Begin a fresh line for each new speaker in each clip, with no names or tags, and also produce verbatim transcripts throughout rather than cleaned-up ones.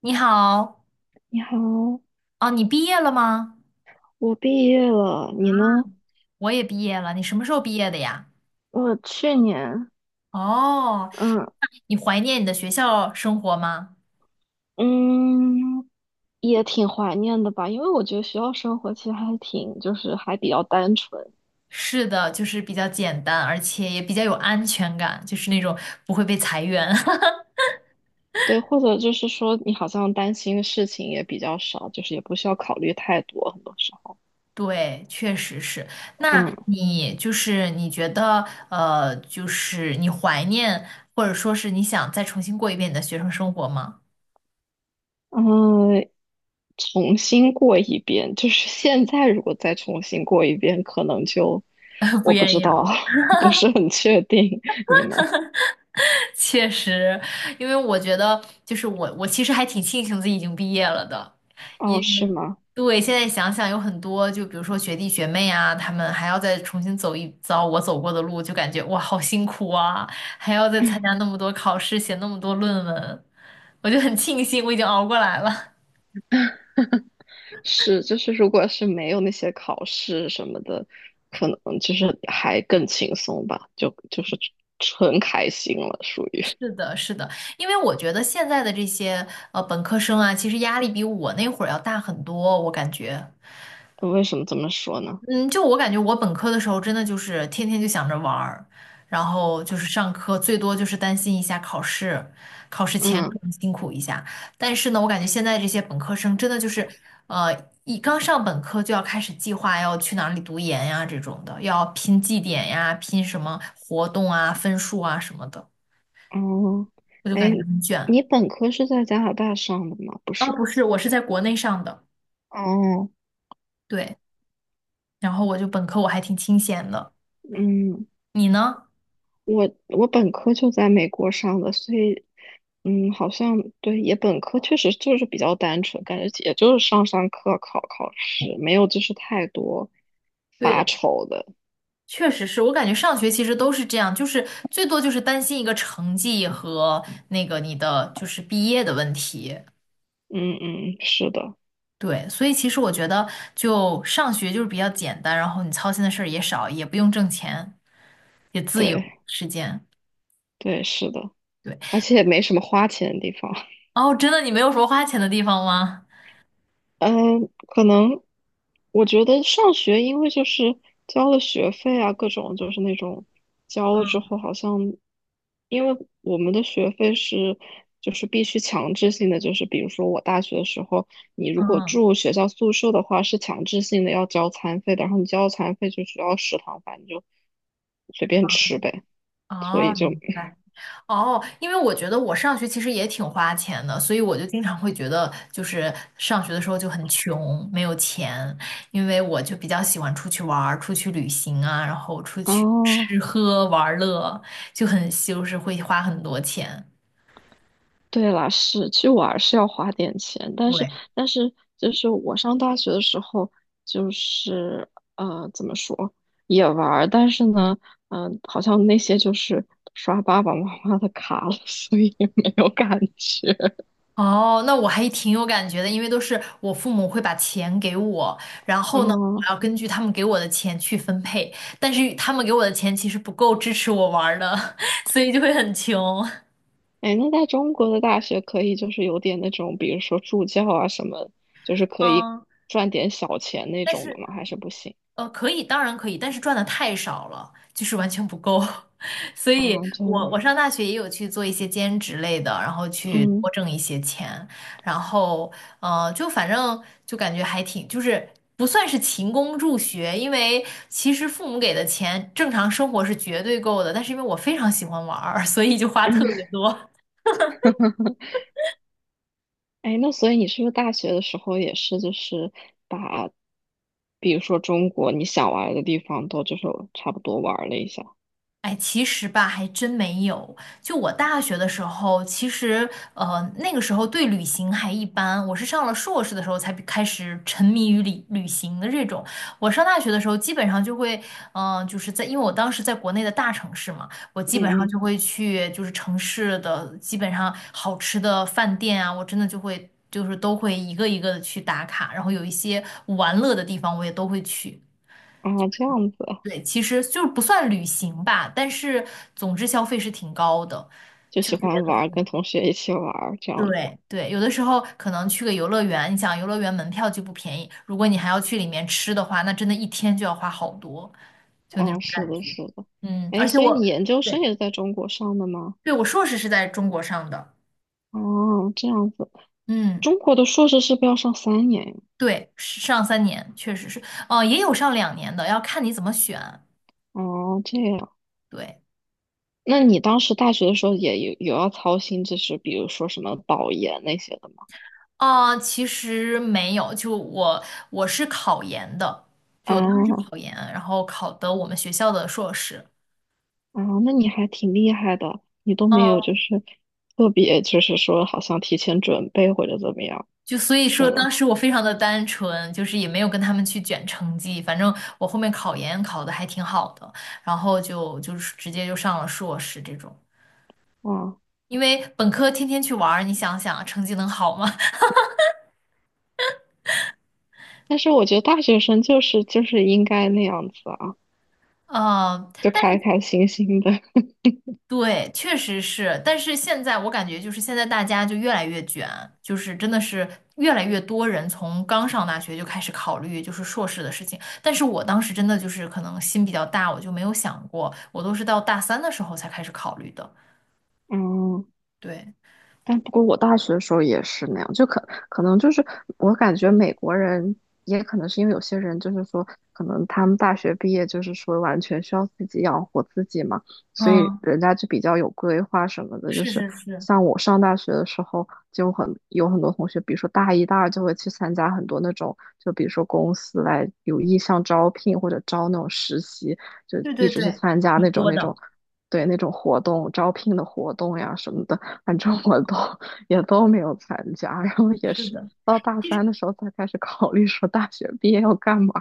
你好。
你好。
哦，你毕业了吗？
我毕业了，你呢？
我也毕业了，你什么时候毕业的呀？
我去年。
哦，
嗯
你怀念你的学校生活吗？
嗯，也挺怀念的吧，因为我觉得学校生活其实还挺，就是还比较单纯。
是的，就是比较简单，而且也比较有安全感，就是那种不会被裁员。
对，或者就是说你好像担心的事情也比较少，就是也不需要考虑太多，很多时候。
对，确实是。那
嗯
你就是你觉得，呃，就是你怀念，或者说是你想再重新过一遍你的学生生活吗？
嗯，重新过一遍，就是现在如果再重新过一遍，可能就
不
我不
愿
知
意了。
道。不是很确定，你呢？
确实，因为我觉得，就是我，我其实还挺庆幸自己已经毕业了的。
哦，是吗？
对，现在想想有很多，就比如说学弟学妹啊，他们还要再重新走一遭我走过的路，就感觉哇，好辛苦啊，还要再参加那么多考试，写那么多论文，我就很庆幸我已经熬过来了。
是，就是如果是没有那些考试什么的，可能就是还更轻松吧，就就是纯开心了，属 于。
是的，是的，因为我觉得现在的这些呃本科生啊，其实压力比我那会儿要大很多，我感觉。
呃为什么这么说呢？
嗯，就我感觉，我本科的时候真的就是天天就想着玩儿，然后就是上课，最多就是担心一下考试，考试前
嗯。
可能辛苦一下。但是呢，我感觉现在这些本科生真的就是，呃，一刚上本科就要开始计划要去哪里读研呀这种的，要拼绩点呀，拼什么活动啊、分数啊什么的，
哦，
我就感
哎，
觉很卷。
你本科是在加拿大上的吗？不
啊。
是。
不是，我是在国内上的，
哦。
对，然后我就本科我还挺清闲的，
嗯，
你呢？
我我本科就在美国上的，所以，嗯，好像对，也本科确实就是比较单纯，感觉也就是上上课、考考试，没有就是太多
对
发
的。
愁的。
确实是我感觉上学其实都是这样，就是最多就是担心一个成绩和那个你的就是毕业的问题。
嗯嗯，是的。
对，所以其实我觉得就上学就是比较简单，然后你操心的事儿也少，也不用挣钱，也自由
对
时间。
对是的，
对。
而且也没什么花钱的地方。
哦，真的你没有什么花钱的地方吗？
嗯，可能我觉得上学，因为就是交了学费啊，各种就是那种交了之
嗯。
后，好像因为我们的学费是就是必须强制性的，就是比如说我大学的时候，你如果
嗯
住学校宿舍的话，是强制性的要交餐费的，然后你交了餐费就只要食堂饭，你就随便
嗯
吃呗。所以
哦，
就
明白。哦，因为我觉得我上学其实也挺花钱的，所以我就经常会觉得，就是上学的时候就很穷，没有钱，因为我就比较喜欢出去玩儿、出去旅行啊，然后出去吃
哦。
喝玩乐，就很就是会花很多钱。
对啦，是，其实玩儿是要花点钱，但是
对。
但是就是我上大学的时候，就是呃怎么说也玩儿，但是呢，嗯、好像那些就是刷爸爸妈妈的卡了，所以也没有感觉。
哦，那我还挺有感觉的，因为都是我父母会把钱给我，然后呢，我
哦，
要根据他们给我的钱去分配，但是他们给我的钱其实不够支持我玩儿的，所以就会很穷。
哎，那在中国的大学可以就是有点那种，比如说助教啊什么，就是可以
嗯。
赚点小钱那
但
种的
是
吗？还是不行
呃，可以，当然可以，但是赚的太少了，就是完全不够。所
啊？
以
这
我我上大学也有去做一些兼职类的，然后去
嗯
多挣一些钱，然后呃，就反正就感觉还挺，就是不算是勤工助学，因为其实父母给的钱正常生活是绝对够的，但是因为我非常喜欢玩儿，所以就花特
嗯。
别多。
哎，那所以你是不是大学的时候也是，就是把，比如说中国你想玩的地方都就是差不多玩了一下？
哎，其实吧，还真没有。就我大学的时候，其实呃，那个时候对旅行还一般。我是上了硕士的时候才比开始沉迷于旅旅行的这种。我上大学的时候，基本上就会，嗯、就是在，因为我当时在国内的大城市嘛，我基本上
嗯
就会去，就是城市的基本上好吃的饭店啊，我真的就会，就是都会一个一个的去打卡，然后有一些玩乐的地方，我也都会去。
嗯，啊，这样子
对，其实就是不算旅行吧，但是总之消费是挺高的，
就
就
喜
觉
欢
得
玩跟
很
同学一起玩儿这样子。
对对，有的时候可能去个游乐园，你想游乐园门票就不便宜，如果你还要去里面吃的话，那真的一天就要花好多，就那
啊，
种
是
感
的，
觉。
是的。
嗯，而
哎，
且
所以
我
你研究
对
生也是在中国上的吗？
对我硕士是在中国上的。
哦，这样子。
嗯，
中国的硕士是不是要上三年呀？
对，是上三年确实是，哦、也有上两年的，要看你怎么选。
哦，这样。
对。
那你当时大学的时候也有有要操心，就是比如说什么保研那些的吗？
啊，其实没有，就我我是考研的，就我当时是
啊。
考研，然后考的我们学校的硕士。
啊，那你还挺厉害的，你都没有就
嗯，
是特别就是说好像提前准备或者怎么样，
就所以
是
说
吗？
当时我非常的单纯，就是也没有跟他们去卷成绩，反正我后面考研考的还挺好的，然后就就是直接就上了硕士这种，
啊，
因为本科天天去玩儿你想想成绩能好吗？
但是我觉得大学生就是就是应该那样子啊，
嗯，
就开开心心的。
对，确实是，但是现在我感觉就是现在大家就越来越卷，就是真的是越来越多人从刚上大学就开始考虑就是硕士的事情，但是我当时真的就是可能心比较大，我就没有想过，我都是到大三的时候才开始考虑的。
嗯。
对。
但不过我大学的时候也是那样，就可可能就是我感觉美国人也可能是因为有些人就是说，可能他们大学毕业就是说完全需要自己养活自己嘛，所以
嗯，
人家就比较有规划什么的。就
是
是
是是，
像我上大学的时候，就很有很多同学，比如说大一、大二就会去参加很多那种，就比如说公司来有意向招聘或者招那种实习，就
对
一
对
直去
对，
参加
挺
那种
多
那种。
的，
对那种活动招聘的活动呀什么的。反正我都也都没有参加，然后也
是
是
的。
到大三的时候才开始考虑说大学毕业要干嘛。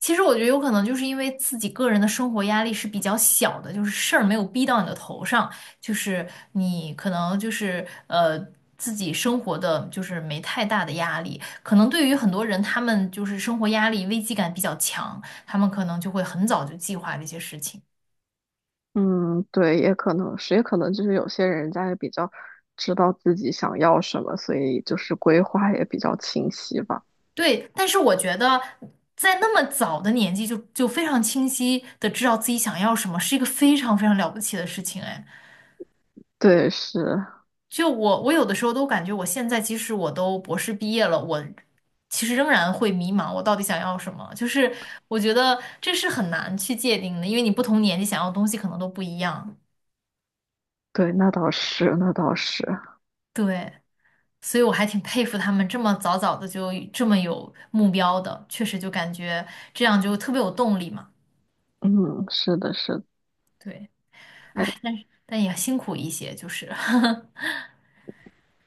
其实我觉得有可能就是因为自己个人的生活压力是比较小的，就是事儿没有逼到你的头上，就是你可能就是呃自己生活的就是没太大的压力。可能对于很多人，他们就是生活压力危机感比较强，他们可能就会很早就计划这些事情。
嗯。对，也可能是，也可能就是有些人家也比较知道自己想要什么，所以就是规划也比较清晰吧。
对，但是我觉得在那么早的年纪就就非常清晰的知道自己想要什么，是一个非常非常了不起的事情，哎。
对，是。
就我，我有的时候都感觉，我现在即使我都博士毕业了，我其实仍然会迷茫，我到底想要什么？就是我觉得这是很难去界定的，因为你不同年纪想要的东西可能都不一样。
对，那倒是，那倒是。
对，所以我还挺佩服他们这么早早的就这么有目标的，确实就感觉这样就特别有动力嘛。
嗯，是的，是的。
对，
哎，
但也辛苦一些，就是，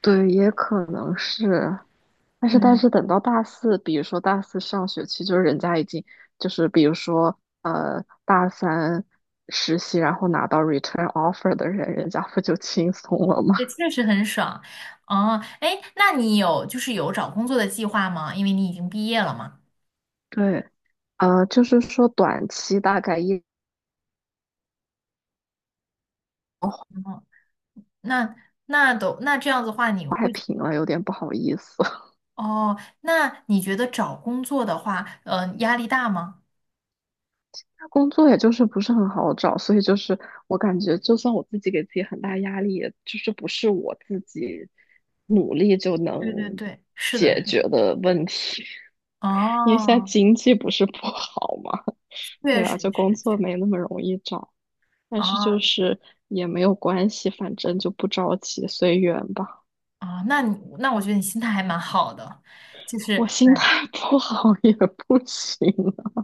对，也可能是。但是，但
嗯，
是等到大四，比如说大四上学期，就是人家已经就是比如说呃大三实习，然后拿到 return offer 的人，人家不就轻松了吗？
这确实很爽。哦，哎，那你有就是有找工作的计划吗？因为你已经毕业了嘛。
对，呃，就是说短期大概一
那那都那这样子的话，你
太
会觉
平了，有点不好意思。
哦？那你觉得找工作的话，呃，压力大吗？
工作也就是不是很好找，所以就是我感觉，就算我自己给自己很大压力，也就是不是我自己努力就
对对
能
对，是的，
解
是
决
的。
的问题。因为现在
哦，
经济不是不好嘛。对
确
啊，
实
就工
是
作
去
没那么容易找，但是
哦
就是也没有关系，反正就不着急，随缘吧。
哦，那你那我觉得你心态还蛮好的，就
我
是
心
哎
态 不好也不行啊。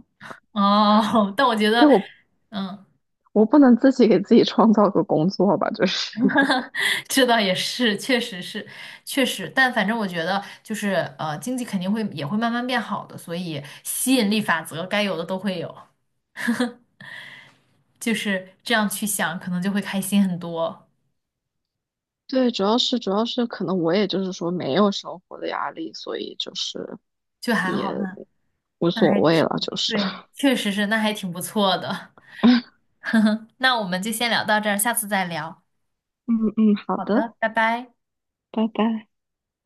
哦，但我觉得
对我，
嗯。
我不能自己给自己创造个工作吧，就是。
这倒也是，确实是，确实，但反正我觉得就是呃，经济肯定会也会慢慢变好的，所以吸引力法则该有的都会有。就是这样去想，可能就会开心很多，
对，主要是主要是可能我也就是说没有生活的压力，所以就是
就还
也
好呢，
无
那
所
还挺，
谓了，就是
对，确实是，那还挺不错的。呵呵，那我们就先聊到这儿，下次再聊，
嗯嗯，好
好
的。
的，拜拜。
拜拜。